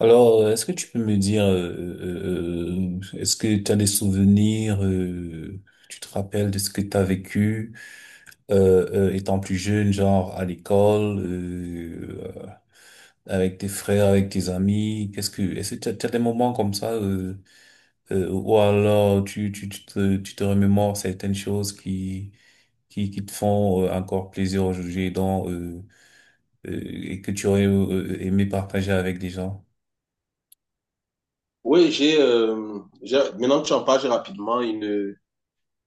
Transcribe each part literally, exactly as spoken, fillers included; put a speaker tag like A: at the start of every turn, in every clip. A: Alors, euh, est-ce que tu peux me dire, euh, euh, euh, est-ce que tu as des souvenirs, euh, tu te rappelles de ce que tu as vécu euh, euh, étant plus jeune, genre à l'école, euh, euh, avec tes frères, avec tes amis? Qu'est-ce que, est-ce que tu as, tu as des moments comme ça, euh, euh, ou alors tu, tu, tu te, tu te remémores certaines choses qui, qui, qui te font euh, encore plaisir aujourd'hui, donc, euh, euh, et que tu aurais euh, aimé partager avec des gens?
B: Oui, j'ai, euh, j'ai- maintenant que tu en parles, j'ai rapidement une,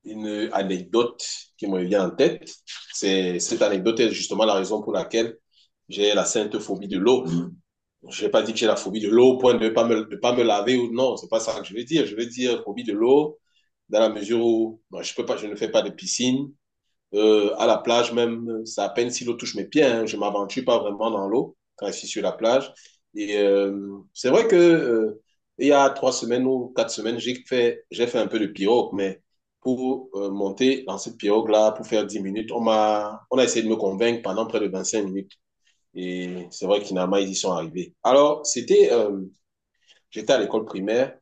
B: une anecdote qui me vient en tête. C'est, cette anecdote est justement la raison pour laquelle j'ai la sainte phobie de l'eau. Je vais pas dire que j'ai la phobie de l'eau au point de ne pas me, de pas me laver ou non, c'est pas ça que je veux dire. Je veux dire phobie de l'eau dans la mesure où moi, je peux pas, je ne fais pas de piscine, euh, à la plage même, c'est à peine si l'eau touche mes pieds. Hein, je m'aventure pas vraiment dans l'eau quand je suis sur la plage. Et euh, c'est vrai que euh, il y a trois semaines ou quatre semaines, j'ai fait, j'ai fait un peu de pirogue, mais pour euh, monter dans cette pirogue-là, pour faire dix minutes, on m'a, on a essayé de me convaincre pendant près de vingt-cinq minutes. Et c'est vrai qu'inalement, ils y sont arrivés. Alors, c'était, euh, j'étais à l'école primaire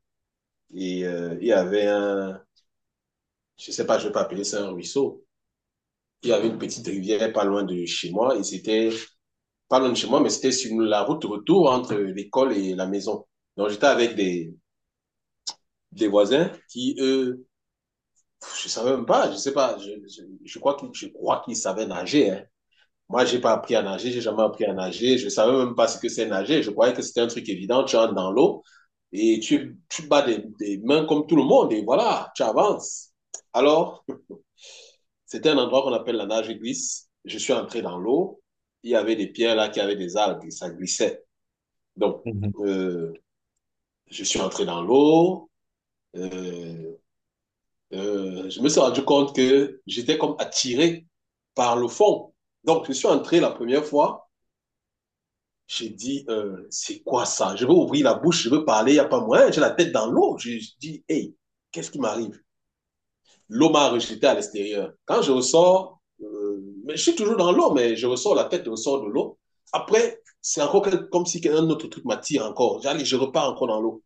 B: et euh, il y avait un, je sais pas, je vais pas appeler ça un ruisseau, il y avait une petite rivière pas loin de chez moi et c'était pas loin de chez moi, mais c'était sur la route retour entre l'école et la maison. Donc j'étais avec des, des voisins qui, eux, je savais même pas, je sais pas, je, je, je crois qu'ils, je crois qu'ils savaient nager. Hein. Moi, j'ai pas appris à nager, j'ai jamais appris à nager, je savais même pas ce que c'est nager. Je croyais que c'était un truc évident, tu entres dans l'eau et tu, tu bats des, des mains comme tout le monde et voilà, tu avances. Alors, c'était un endroit qu'on appelle la nage glisse. Je suis entré dans l'eau. Il y avait des pierres là qui avaient des algues et ça glissait. Donc, euh, je suis entré dans l'eau. Euh, euh, je me suis rendu compte que j'étais comme attiré par le fond. Donc, je suis entré la première fois. J'ai dit, euh, c'est quoi ça? Je veux ouvrir la bouche, je veux parler, il n'y a pas moyen. J'ai la tête dans l'eau. Je, je dis, hey, qu'est-ce qui m'arrive? L'eau m'a rejeté à l'extérieur. Quand je ressors, euh, mais je suis toujours dans l'eau, mais je ressors la tête, je ressors de l'eau. Après, c'est encore comme si un autre truc m'attire encore. J'allais, je repars encore dans l'eau.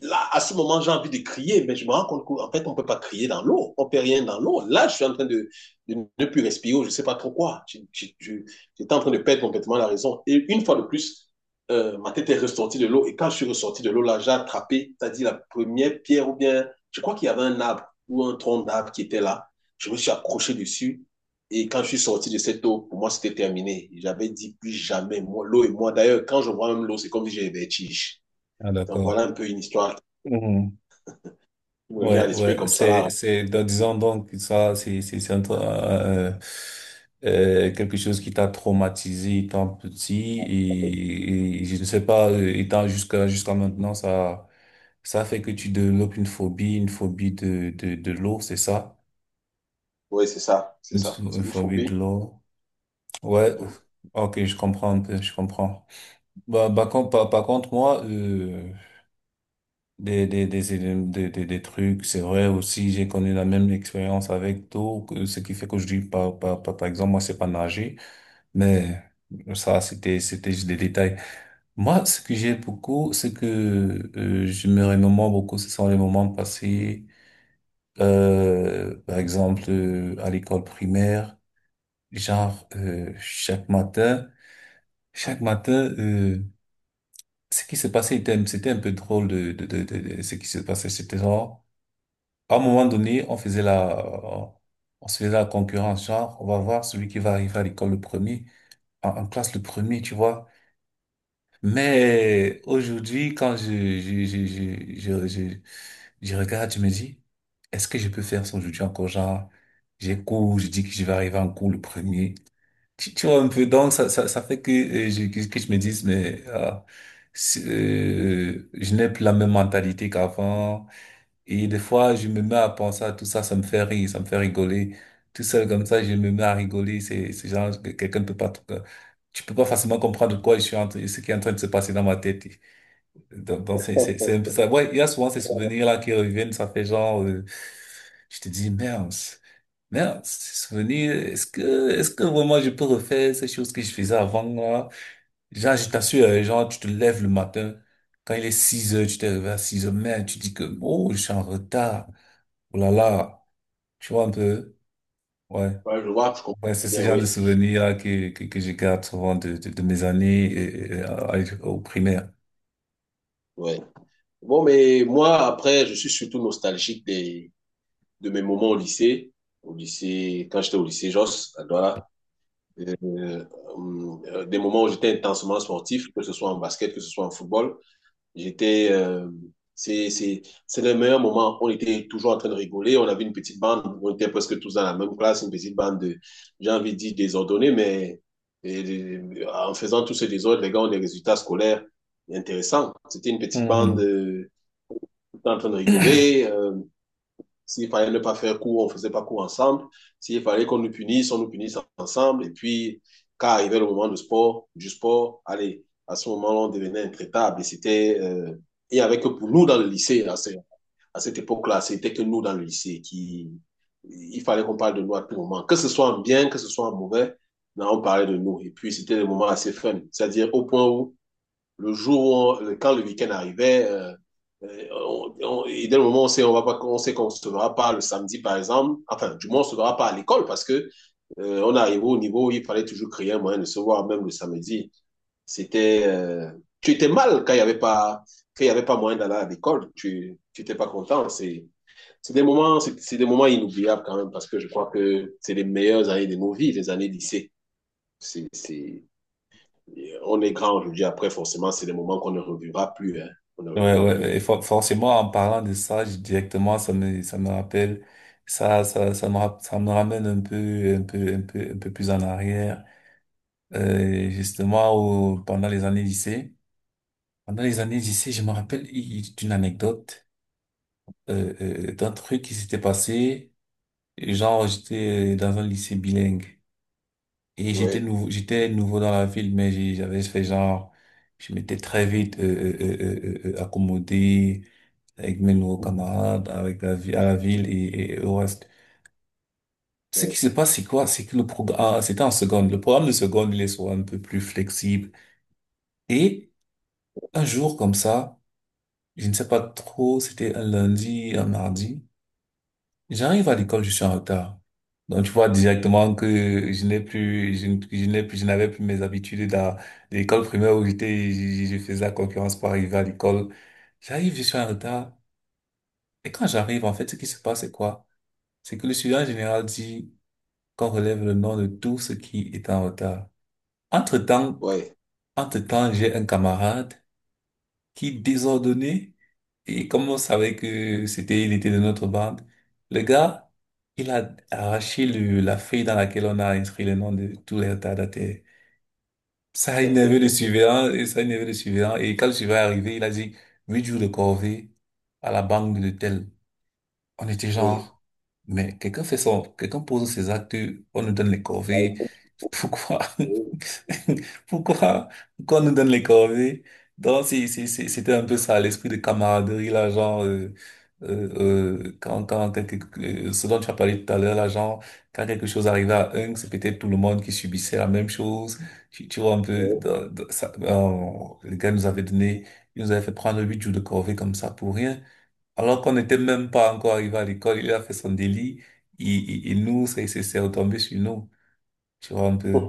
B: Là, à ce moment, j'ai envie de crier, mais je me rends compte qu'en fait, on ne peut pas crier dans l'eau. On ne peut rien dans l'eau. Là, je suis en train de, de ne plus respirer, je ne sais pas trop quoi. J'étais en train de perdre complètement la raison. Et une fois de plus, euh, ma tête est ressortie de l'eau. Et quand je suis ressorti de l'eau, là, j'ai attrapé, c'est-à-dire la première pierre ou bien, je crois qu'il y avait un arbre ou un tronc d'arbre qui était là. Je me suis accroché dessus. Et quand je suis sorti de cette eau, pour moi, c'était terminé. J'avais dit plus jamais, moi, l'eau et moi. D'ailleurs, quand je vois même l'eau, c'est comme si j'avais des vertiges.
A: Ah,
B: Donc voilà
A: d'accord.
B: un peu une histoire
A: Mhm.
B: qui me vient à
A: Ouais,
B: l'esprit
A: ouais,
B: comme ça
A: c'est,
B: là.
A: c'est, donc, disons donc, que ça, c'est, c'est, c'est un tra- euh, euh, quelque chose qui t'a traumatisé étant petit et, et je ne sais pas, euh, étant jusqu'à, jusqu'à maintenant, ça, ça fait que tu développes une phobie, une phobie de, de, de l'eau, c'est ça?
B: Oui, c'est ça, c'est
A: Une
B: ça.
A: pho-
B: C'est
A: une
B: une
A: phobie de
B: phobie.
A: l'eau. Ouais.
B: Mhm.
A: Ok, je comprends un peu, je comprends. Bah, bah, con- par, par contre, moi, euh, des, des, des, éléments- des, des, des trucs. C'est vrai aussi, j'ai connu la même expérience avec l'eau, que- ce qui fait que je dis, par, par, par, par exemple, moi, c'est pas nager, mais ça, c'était, c'était juste des détails. Moi, ce que j'ai beaucoup, ce que euh, je me remémore beaucoup, ce sont les moments passés, euh, par exemple, euh, à l'école primaire, genre, euh, chaque matin, chaque matin, euh, ce qui se passait était, c'était un peu drôle de, de, de, de, de ce qui se passait, c'était genre, à un moment donné, on faisait la, on se faisait la concurrence, genre, on va voir celui qui va arriver à l'école le premier, en, en classe le premier, tu vois. Mais aujourd'hui, quand je, je, je, je, je, je, je regarde, je me dis, est-ce que je peux faire ça aujourd'hui encore? Genre, j'ai cours, je dis que je vais arriver en cours le premier. Tu, tu vois un peu, donc ça, ça, ça fait que, euh, je, que, que je me dise, mais ah, si- euh, je n'ai plus la même mentalité qu'avant. Et des fois, je me mets à penser à tout ça, ça me fait rire, ça me fait rigoler. Tout seul comme ça, je me mets à rigoler. C'est, c'est genre, que quelqu'un ne peut pas, euh, tu peux pas facilement comprendre de quoi je suis en train, ce qui est en train de se passer dans ma tête. Donc, donc c'est, c'est, c'est un peu ça. Ouais, il y a souvent ces souvenirs-là qui reviennent, ça fait genre, euh, je te dis, merde. Merde, c'est revenu. Est-ce que, est-ce que vraiment je peux refaire ces choses que je faisais avant là? Genre, je t'assure, euh, genre, tu te lèves le matin, quand il est six heures, tu t'es réveillé à six heures, merde, tu dis que, oh, je suis en retard. Oh là là, tu vois un peu, ouais.
B: Ouais, je vois, je comprends
A: Ouais, c'est ce
B: bien,
A: genre de
B: oui.
A: souvenirs là que, que, que je garde souvent de, de, de mes années euh, euh, au primaire.
B: Ouais. Bon, mais moi, après, je suis surtout nostalgique des, de mes moments au lycée. Au lycée, quand j'étais au lycée Josse, à Douala, euh, hum, euh, des moments où j'étais intensement sportif, que ce soit en basket, que ce soit en football. J'étais, euh, c'est, c'est, c'est le meilleur moment. On était toujours en train de rigoler. On avait une petite bande. On était presque tous dans la même classe, une petite bande de, j'ai envie de dire désordonnée, mais et, et, en faisant tous ce désordre, les gars ont des résultats scolaires intéressants. C'était une petite bande
A: Mhm.
B: euh, tout le temps en train de rigoler. Euh, s'il fallait ne pas faire cours, on ne faisait pas cours ensemble. S'il fallait qu'on nous punisse, on nous punisse ensemble. Et puis, quand arrivait le moment du sport, du sport, allez, à ce moment-là, on devenait intraitable. Et c'était, euh, il n'y avait que pour nous dans le lycée, à, cette, cette époque-là, c'était que nous dans le lycée qui, il fallait qu'on parle de nous à tout moment. Que ce soit en bien, que ce soit en mauvais, non, on parlait de nous. Et puis, c'était des moments assez fun. C'est-à-dire au point où le jour, où on- quand le week-end arrivait, euh, euh, on, on- et dès le moment où on sait, on va pas, on sait qu'on ne se verra pas le samedi, par exemple, enfin, du moins, on ne se verra pas à l'école parce que euh, on arrivait au niveau où il fallait toujours créer un moyen de se voir, même le samedi. C'était, euh, tu étais mal quand il y avait pas, quand il y avait pas moyen d'aller à l'école. Tu, tu étais pas content. C'est, c'est des moments, c'est c'est des moments inoubliables quand même parce que je crois que c'est les meilleures années de nos vies, les années lycée. C'est, c'est, on est grand aujourd'hui. Après, forcément, c'est des moments qu'on ne revivra plus. Hein. On ne
A: Ouais,
B: revivra
A: ouais,
B: plus.
A: ouais, et for- forcément, en parlant de ça, j- directement, ça me, ça me rappelle, ça, ça, ça me, rap- ça me ramène un peu, un peu, un peu, un peu plus en arrière, euh, justement, au, pendant les années lycée. Pendant les années lycée, je me rappelle i- i- d'une anecdote, euh, euh, d'un truc qui s'était passé. Genre, j'étais euh, dans un lycée bilingue. Et j'étais
B: Oui,
A: nouveau, j'étais nouveau dans la ville, mais j'ai- j'avais fait genre, je m'étais très vite euh, euh, euh, euh, euh, euh, accommodé avec mes nouveaux camarades, avec la vie, à la ville et, et au reste. Ce qui se passe, c'est quoi? C'est que le programme, ah, c'était en seconde. Le programme de seconde, il est souvent un peu plus flexible. Et un jour comme ça, je ne sais pas trop, c'était un lundi, un mardi. J'arrive à l'école, je suis en retard. Donc, tu vois directement que je n'ai plus, je, n- je n'ai plus, je n'avais plus mes habitudes à l'école primaire où j'étais, je, je- je faisais la concurrence pour arriver à l'école. J'arrive, je suis en retard. Et quand j'arrive, en fait, ce qui se passe, c'est quoi? C'est que le surveillant général dit qu'on relève le nom de tout ce qui est en retard. Entre-temps,
B: oui,
A: entre-temps, j'ai un camarade qui, désordonné, et comme on savait que c'était, il était de notre bande, le gars, il a arraché le, la feuille dans laquelle on a inscrit le nom de tous les retardataires. Ça a énervé le surveillant, et ça a énervé le surveillant. Et quand le surveillant est arrivé, il a dit, huit jours de corvée à la banque de tel. On était
B: oui.
A: genre, mais quelqu'un fait son, quelqu'un pose ses actes, on nous donne les corvées.
B: Ça
A: Pourquoi? Pourquoi qu'on nous donne les corvées? Donc, c'est- c'est- c'est- c'était un peu ça, l'esprit de camaraderie, là, genre, euh, euh, euh, quand, quand quelque, euh, ce dont tu as parlé tout à l'heure, là, genre, quand quelque chose arrivait à un, c'est peut-être tout le monde qui subissait la même chose. Tu, tu vois un peu, dans- dans- ça, euh, les gars nous avaient donné, ils nous avaient fait prendre huit jours de corvée comme ça pour rien. Alors qu'on n'était même pas encore arrivé à l'école, il a fait son délit, il, il, il nous, c'est c'est- c'est retombé sur nous. Tu vois un peu.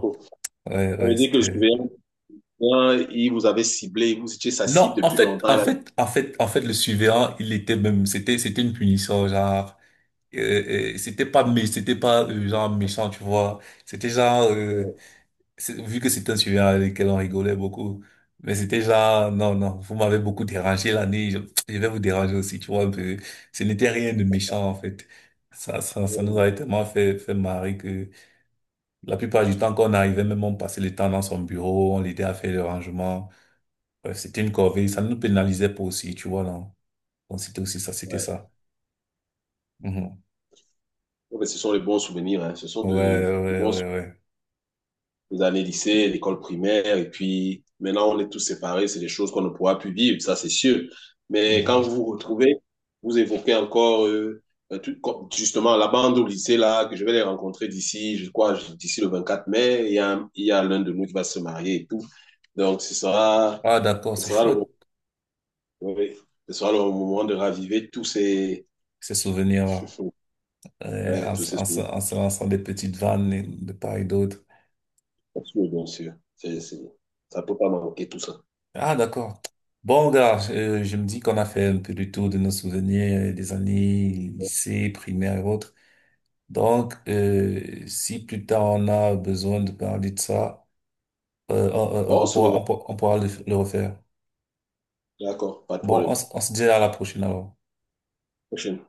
A: Ouais,
B: veut
A: ouais,
B: dire que le
A: c'était.
B: surveillant, il vous avait ciblé, vous étiez sa cible
A: Non, en
B: depuis
A: fait,
B: longtemps.
A: en
B: Il a-
A: fait, en fait, en fait, le surveillant, il était même, c'était, c'était une punition, genre, euh, euh, c'était pas, mais c'était pas, euh, genre, méchant, tu vois. C'était genre, euh, c'est- vu que c'était un sujet avec lequel on rigolait beaucoup, mais c'était genre, non, non, vous m'avez beaucoup dérangé l'année, je, je vais vous déranger aussi, tu vois, un peu. Ce n'était rien de méchant, en fait. Ça, ça, ça nous avait tellement fait, fait marrer que la plupart du temps qu'on arrivait, même on passait le temps dans son bureau, on l'aidait à faire le rangement. Bref, c'était une corvée, ça ne nous pénalisait pas aussi, tu vois, non. Donc c'était aussi ça,
B: Ouais.
A: c'était
B: Ouais,
A: ça. Mhm.
B: mais ce sont les bons souvenirs. Hein. Ce sont
A: Ouais,
B: de, de
A: ouais,
B: bons souvenirs.
A: ouais, ouais.
B: Les années lycée, l'école primaire, et puis maintenant on est tous séparés, c'est des choses qu'on ne pourra plus vivre, ça c'est sûr. Mais quand
A: Mhm.
B: vous vous retrouvez, vous évoquez encore euh, euh, tout, justement la bande au lycée là, que je vais les rencontrer d'ici, je crois, d'ici le vingt-quatre mai, il y a, il y a l'un de nous qui va se marier et tout. Donc ce sera,
A: Ah, d'accord,
B: ce
A: c'est
B: sera le,
A: chouette,
B: oui, ce sera le moment de raviver tous ces,
A: ces souvenirs. euh,
B: ouais,
A: en,
B: tous
A: se
B: ces
A: en se-
B: souvenirs,
A: en se lançant des petites vannes et- de part et d'autre.
B: bien sûr. C est, ça peut pas manquer tout ça.
A: Ah, d'accord. Bon, gars, euh, je me dis qu'on a fait un peu le tour de nos souvenirs euh, des années lycée, primaire et autres. Donc, euh, si plus tard on a besoin de parler de ça, euh, on, on-
B: On
A: on
B: se
A: pourra,
B: revoit,
A: on, pourra on pourra le, le refaire.
B: d'accord, pas de
A: Bon, on,
B: problème.
A: se- on se dit à la prochaine alors.
B: Prochaine.